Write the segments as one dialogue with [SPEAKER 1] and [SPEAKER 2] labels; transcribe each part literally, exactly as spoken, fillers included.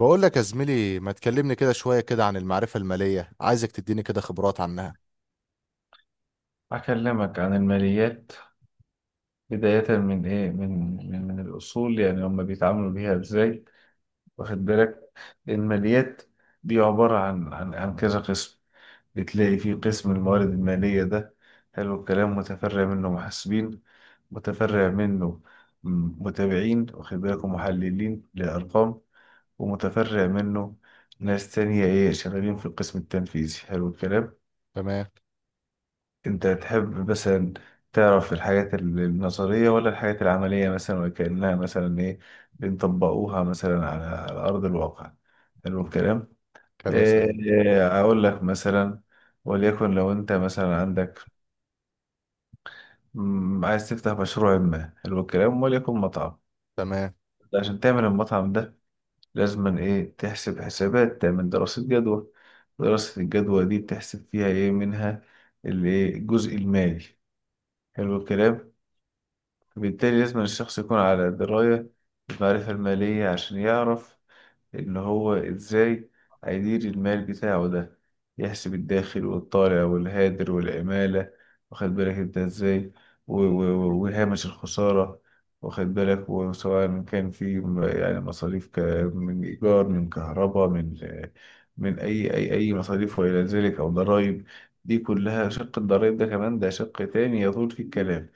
[SPEAKER 1] بقول لك يا زميلي، ما تكلمني كده شوية كده عن المعرفة المالية، عايزك تديني كده خبرات عنها.
[SPEAKER 2] أكلمك عن الماليات. بداية من إيه، من من, من الأصول، يعني هم بيتعاملوا بيها إزاي؟ واخد بالك. الماليات دي عبارة عن عن عن كذا قسم. بتلاقي في قسم الموارد المالية ده، حلو الكلام. متفرع منه محاسبين، متفرع منه م- متابعين، واخد بالك، ومحللين لأرقام، ومتفرع منه ناس تانية إيه شغالين في القسم التنفيذي. حلو الكلام.
[SPEAKER 1] تمام.
[SPEAKER 2] انت تحب مثلا تعرف الحاجات ال- النظرية، ولا الحاجات العملية، مثلا وكأنها مثلا ايه بنطبقوها مثلا على على أرض الواقع؟ حلو الكلام.
[SPEAKER 1] كلام سليم.
[SPEAKER 2] إيه أقول لك مثلا، وليكن لو انت مثلا عندك، مم، عايز تفتح مشروع ما، حلو الكلام، وليكن مطعم.
[SPEAKER 1] تمام.
[SPEAKER 2] عشان تعمل المطعم ده لازم ايه تحسب حسابات، تعمل دراسة جدوى. دراسة الجدوى دي بتحسب فيها ايه منها؟ الايه الجزء المالي. حلو الكلام. بالتالي لازم الشخص يكون على دراية بالمعرفة المالية، عشان يعرف إن هو إزاي هيدير المال بتاعه ده، يحسب الداخل والطالع والهادر والعمالة، واخد بالك أنت إزاي، و- و- و- وهامش الخسارة. واخد بالك. وسواء كان في م- يعني مصاريف ك- من إيجار، من كهرباء، من من أي أي أي مصاريف وإلى ذلك، أو ضرايب. دي كلها شق الضرايب ده، كمان ده شق تاني يطول في الكلام.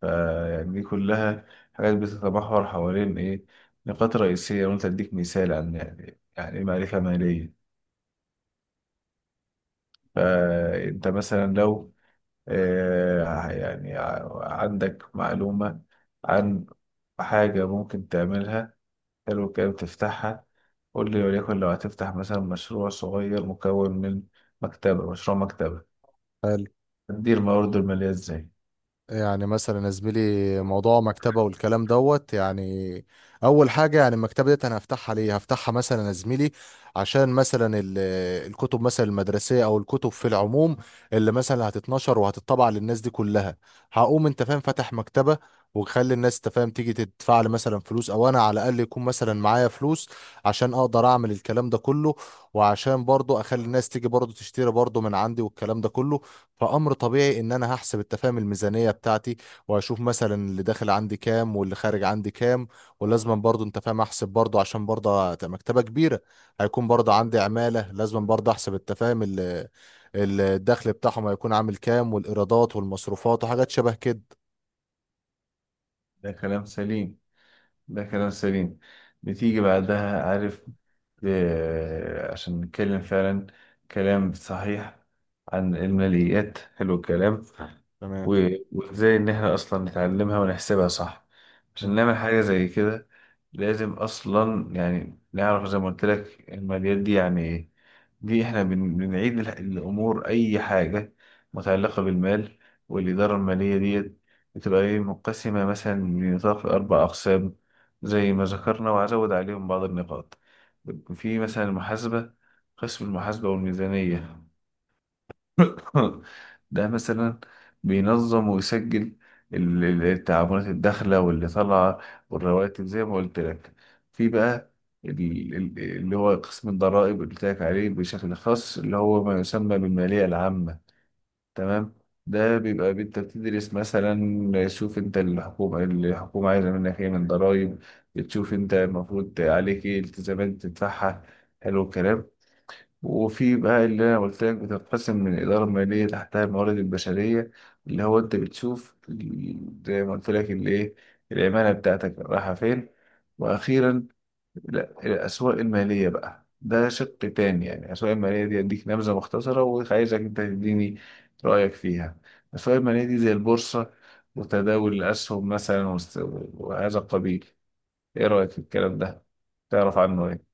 [SPEAKER 2] فيعني دي كلها حاجات بتتمحور حوالين إيه، نقاط رئيسية. وأنت أديك مثال عن يعني يعني إيه معرفة مالية. فأنت مثلا لو آه، يعني ع- عندك معلومة عن حاجة ممكن تعملها، حلو كده تفتحها. قول لي، وليكن لو هتفتح مثلا مشروع صغير مكون من مكتبة، مشروع مكتبة،
[SPEAKER 1] حلو.
[SPEAKER 2] تدير موارده المالية إزاي؟
[SPEAKER 1] يعني مثلا يا زميلي، موضوع مكتبة والكلام دوت، يعني أول حاجة، يعني المكتبة ديت أنا هفتحها ليه؟ هفتحها مثلا يا زميلي عشان مثلا ال- الكتب مثلا المدرسية أو الكتب في العموم اللي مثلا هتتنشر وهتطبع للناس دي كلها. هقوم أنت فاهم فاتح مكتبة، وخلي الناس تفهم تيجي تدفع لي مثلا فلوس، او انا على الاقل يكون مثلا معايا فلوس عشان اقدر اعمل الكلام ده كله، وعشان برضو اخلي الناس تيجي برضو تشتري برضو من عندي والكلام ده كله. فأمر طبيعي إن أنا هحسب التفاهم الميزانية بتاعتي، وهشوف مثلا اللي داخل عندي كام واللي خارج عندي كام. ولازم برضه أنت فاهم أحسب برضه، عشان برضه هت- مكتبة كبيرة، هيكون برضه عندي عمالة، لازم برضه أحسب التفاهم ال- الدخل بتاعهم هيكون عامل كام، والإيرادات والمصروفات وحاجات شبه كده.
[SPEAKER 2] ده كلام سليم، ده كلام سليم. بتيجي بعدها عارف، آه، عشان نتكلم فعلا كلام صحيح عن الماليات، حلو الكلام.
[SPEAKER 1] تمام.
[SPEAKER 2] و- وازاي ان احنا اصلا نتعلمها ونحسبها صح، عشان نعمل حاجة زي كده، لازم اصلا يعني نعرف زي ما قلت لك الماليات دي يعني ايه. دي احنا بن- بنعيد الح- الامور، اي حاجه متعلقه بالمال. والاداره الماليه ديت بتبقى ايه مقسمه مثلا لنطاق اربع اقسام، زي ما ذكرنا، وهزود عليهم بعض النقاط. في مثلا المحاسبه، قسم المحاسبه والميزانيه، ده مثلا بينظم ويسجل ال- ال- التعاملات الداخلة واللي طالعة والرواتب، زي ما قلت لك. في بقى ال- ال- اللي هو قسم الضرائب اللي قلت لك عليه بشكل خاص، اللي هو ما يسمى بالمالية العامة، تمام. ده بيبقى انت بتدرس مثلا، شوف انت الحكومة الحكومة عايزة منك ايه من ضرائب، بتشوف انت المفروض عليك ايه التزامات تدفعها. حلو الكلام. وفي بقى اللي انا قلت لك، بتنقسم من اداره ماليه تحتها الموارد البشريه، اللي هو انت بتشوف ال- زي ما قلت لك اللي ايه العماله بتاعتك رايحه فين. واخيرا لا، الاسواق الماليه بقى، ده شق تاني. يعني الاسواق الماليه دي اديك نبذه مختصره، وعايزك انت تديني رايك فيها. الاسواق الماليه دي زي البورصه وتداول الاسهم مثلا، وس- وهذا القبيل. ايه رايك في الكلام ده، تعرف عنه ايه؟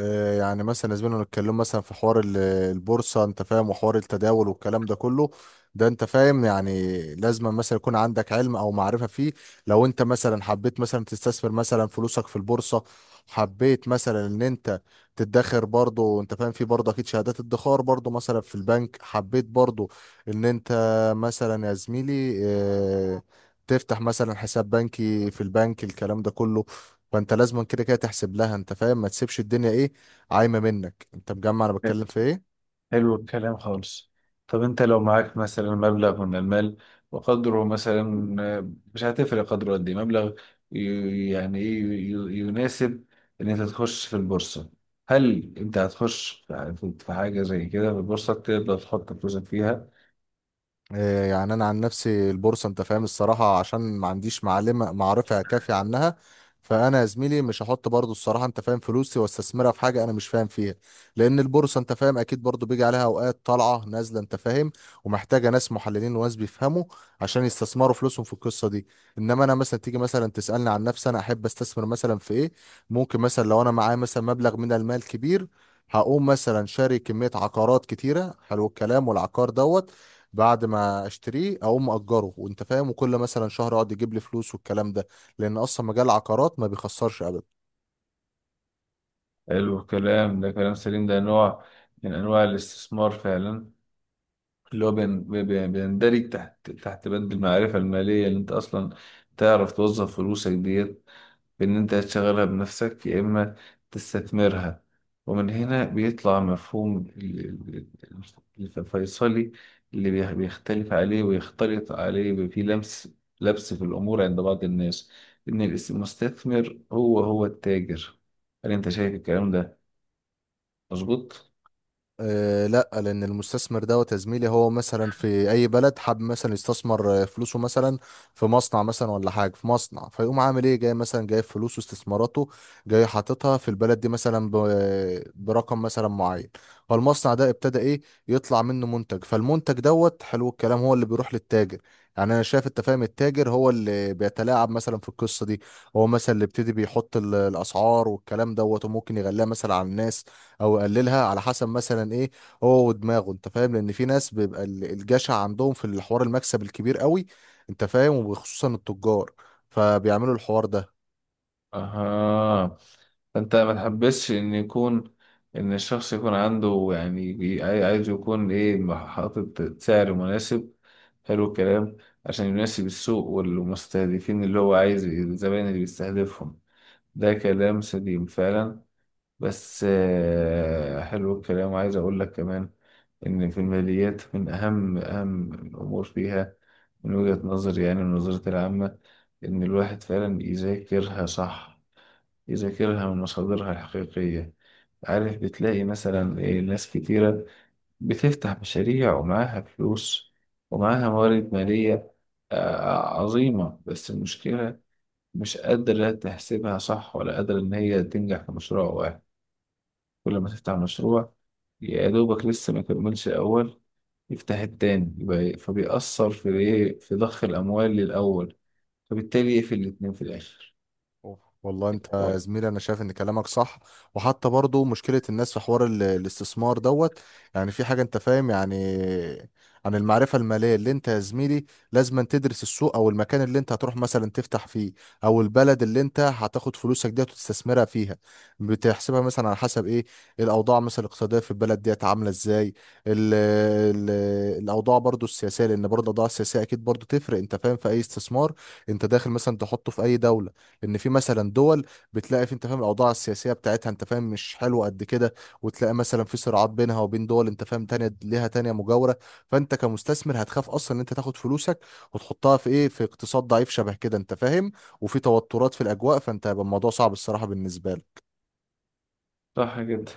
[SPEAKER 1] آه، يعني مثلا زمان نتكلم مثلا في حوار ال- البورصة انت فاهم وحوار التداول والكلام ده كله. ده انت فاهم يعني لازم مثلا يكون عندك علم او معرفة فيه، لو انت مثلا حبيت مثلا تستثمر مثلا فلوسك في البورصة، حبيت مثلا ان انت تدخر برضه انت فاهم، في برضه اكيد شهادات ادخار برضه مثلا في البنك، حبيت برضه ان انت مثلا يا زميلي آه، تفتح مثلا حساب بنكي في البنك الكلام ده كله. فانت لازم كده كده تحسب لها انت فاهم، ما تسيبش الدنيا ايه عايمه منك، انت مجمع انا بتكلم في ايه.
[SPEAKER 2] حلو الكلام خالص. طب انت لو معاك مثلا مبلغ من المال وقدره مثلا، آه، مش هتفرق قدره قد ايه مبلغ، ي- يعني ايه ي- يناسب ان انت تخش في البورصة، هل انت هتخش في في حاجة زي كده في البورصة تقدر تحط فلوسك فيها؟
[SPEAKER 1] آه، يعني انا عن نفسي البورصه انت فاهم الصراحه عشان ما عنديش معلمه معرفه كافيه عنها، فانا يا زميلي مش هحط برضو الصراحه انت فاهم فلوسي واستثمرها في حاجه انا مش فاهم فيها، لان البورصه انت فاهم اكيد برضو بيجي عليها اوقات طالعه نازله انت فاهم، ومحتاجه ناس محللين وناس بيفهموا عشان يستثمروا فلوسهم في القصه دي. انما انا مثلا تيجي مثلا تسالني عن نفسي انا احب استثمر مثلا في ايه، ممكن مثلا لو انا معايا مثلا مبلغ من المال كبير هقوم مثلا شاري كمية عقارات كتيرة حلو الكلام والعقار دوت، بعد ما اشتريه اقوم اجره وانت فاهم وكل مثلا شهر اقعد يجيب لي فلوس والكلام ده، لان اصلا مجال العقارات ما بيخسرش ابدا.
[SPEAKER 2] حلو الكلام، ده كلام سليم، ده نوع من انواع الاستثمار فعلا، اللي هو بين- بين- بيندرج تحت تحت بند المعرفة المالية، اللي انت اصلا تعرف توظف فلوسك ديت بإن أنت تشغلها بنفسك، يا إما تستثمرها. ومن هنا بيطلع مفهوم ال- ال- ال- الفيصلي اللي بيخ- بيختلف عليه ويختلط عليه. بيبقى فيه لمس لبس في الأمور عند بعض الناس، إن المستثمر هو هو التاجر. هل أنت شايف الكلام ده مظبوط؟
[SPEAKER 1] أه لا، لان المستثمر دوت يا زميلي هو مثلا في اي بلد حاب مثلا يستثمر آه، فلوسه مثلا في مصنع مثلا ولا حاجه، في مصنع فيقوم عامل ايه جاي مثلا جايب فلوسه استثماراته جاي حاططها في البلد دي مثلا ب- برقم مثلا معين. فالمصنع ده ابتدى ايه يطلع منه منتج، فالمنتج دوت حلو الكلام هو اللي بيروح للتاجر. يعني انا شايف انت فاهم التاجر هو اللي بيتلاعب مثلا في القصه دي، هو مثلا اللي ابتدي بيحط ال- الاسعار والكلام دوت، وممكن يغليها مثلا على الناس او يقللها على حسب مثلا ايه هو ودماغه انت فاهم، لان في ناس بيبقى ال- الجشع عندهم في الحوار المكسب الكبير قوي انت فاهم، وخصوصا التجار فبيعملوا الحوار ده.
[SPEAKER 2] اها. فانت ما تحبسش ان يكون، ان الشخص يكون عنده يعني بي- عاي- عايز يكون ايه حاطط سعر مناسب، حلو الكلام، عشان يناسب السوق والمستهدفين، اللي هو عايز الزبائن اللي بيستهدفهم. ده كلام سليم فعلا. بس آه، حلو الكلام، وعايز اقول لك كمان ان في الماليات من اهم اهم الامور فيها، من وجهة نظري يعني النظرة العامة، ان الواحد فعلا يذاكرها صح، يذاكرها من مصادرها الحقيقية. عارف، بتلاقي مثلا إيه ناس كتيرة بتفتح مشاريع ومعاها فلوس ومعاها موارد مالية آه، عظيمة، بس المشكلة مش قادرة تحسبها صح، ولا قادرة إن هي تنجح في مشروع واحد. كل ما تفتح مشروع، يا دوبك لسه ما كملش الأول، يفتح التاني، يبقى إيه، فبيأثر في إيه، في ضخ الأموال للأول، فبالتالي يقفل الاتنين في الآخر.
[SPEAKER 1] أوف. والله انت يا زميلي انا شايف ان كلامك صح، وحتى برضو مشكلة الناس في حوار ال- الاستثمار دوت، يعني في حاجة انت فاهم يعني عن المعرفة المالية اللي انت يا زميلي لازم أن تدرس السوق او المكان اللي انت هتروح مثلا تفتح فيه، او البلد اللي انت هتاخد فلوسك ديت وتستثمرها فيها، بتحسبها مثلا على حسب ايه الاوضاع مثلا الاقتصادية في البلد ديت عاملة ازاي. ال ال الاوضاع برضو السياسية لان برضو الاوضاع السياسية اكيد برضو تفرق انت فاهم في اي استثمار انت داخل مثلا تحطه في اي دولة. ان في مثلا دول بتلاقي في انت فاهم الاوضاع السياسيه بتاعتها انت فاهم مش حلوه قد كده، وتلاقي مثلا في صراعات بينها وبين دول انت فاهم تانية ليها تانية مجاوره، فانت كمستثمر هتخاف اصلا ان انت تاخد فلوسك وتحطها في ايه في اقتصاد ضعيف شبه كده انت فاهم، وفي توترات في الاجواء، فانت هيبقى الموضوع صعب الصراحه بالنسبه لك.
[SPEAKER 2] صح جدا.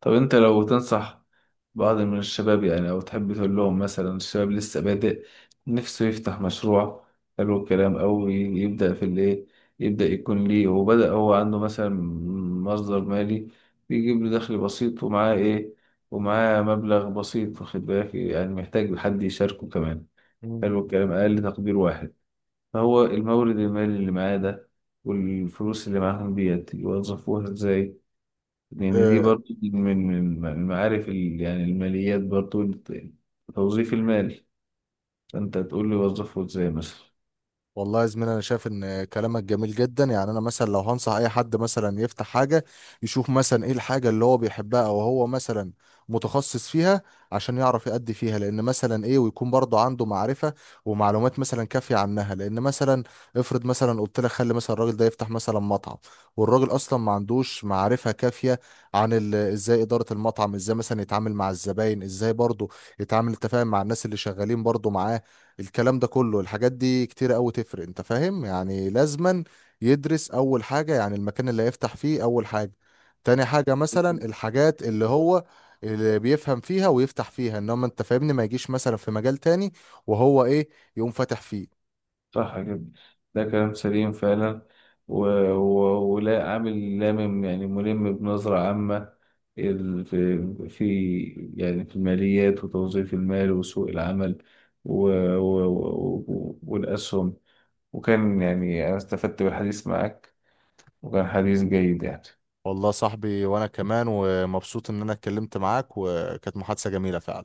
[SPEAKER 2] طب انت لو تنصح بعض من الشباب، يعني او تحب تقول لهم مثلا الشباب لسه بادئ نفسه يفتح مشروع، حلو الكلام، او ي- يبدأ في الايه، يبدأ يكون ليه، وبدأ هو عنده مثلا مصدر مالي بيجيب له دخل بسيط، ومعاه ايه، ومعاه مبلغ بسيط، واخد بالك، يعني محتاج حد يشاركه كمان، حلو الكلام، اقل تقدير واحد. فهو المورد المالي اللي معاه ده والفلوس اللي معاهم ديت يوظفوها ازاي؟ يعني دي
[SPEAKER 1] مم.
[SPEAKER 2] برضو من من المعارف ال- يعني الماليات برضو الت- توظيف المال. فأنت تقول لي وظفه إزاي مثلا؟
[SPEAKER 1] والله يا زميلي انا شايف ان كلامك جميل جدا، يعني انا مثلا لو هنصح اي حد مثلا يفتح حاجه يشوف مثلا ايه الحاجه اللي هو بيحبها او هو مثلا متخصص فيها، عشان يعرف يأدي فيها، لان مثلا ايه ويكون برضه عنده معرفه ومعلومات مثلا كافيه عنها، لان مثلا افرض مثلا قلت لك خلي مثلا الراجل ده يفتح مثلا مطعم والراجل اصلا ما عندوش معرفه كافيه عن ال- ازاي اداره المطعم، ازاي مثلا يتعامل مع الزباين، ازاي برضه يتعامل التفاهم مع الناس اللي شغالين برضه معاه، الكلام ده كله الحاجات دي كتير قوي تفرق انت فاهم يعني، لازما يدرس اول حاجة يعني المكان اللي هيفتح فيه اول حاجة، تاني حاجة مثلا الحاجات اللي هو اللي بيفهم فيها ويفتح فيها، انما انت فاهمني ما يجيش مثلا في مجال تاني وهو ايه يقوم فاتح فيه.
[SPEAKER 2] صح كده، ده كلام سليم فعلا. و... و... ولا عامل لامم يعني ملم بنظرة عامة، ال... في... في يعني في الماليات وتوظيف المال وسوق العمل، و... و... و... والأسهم. وكان يعني أنا استفدت بالحديث معك، وكان حديث جيد، يعني
[SPEAKER 1] والله يا صاحبي وانا كمان ومبسوط ان انا اتكلمت معاك وكانت محادثة جميلة فعلا.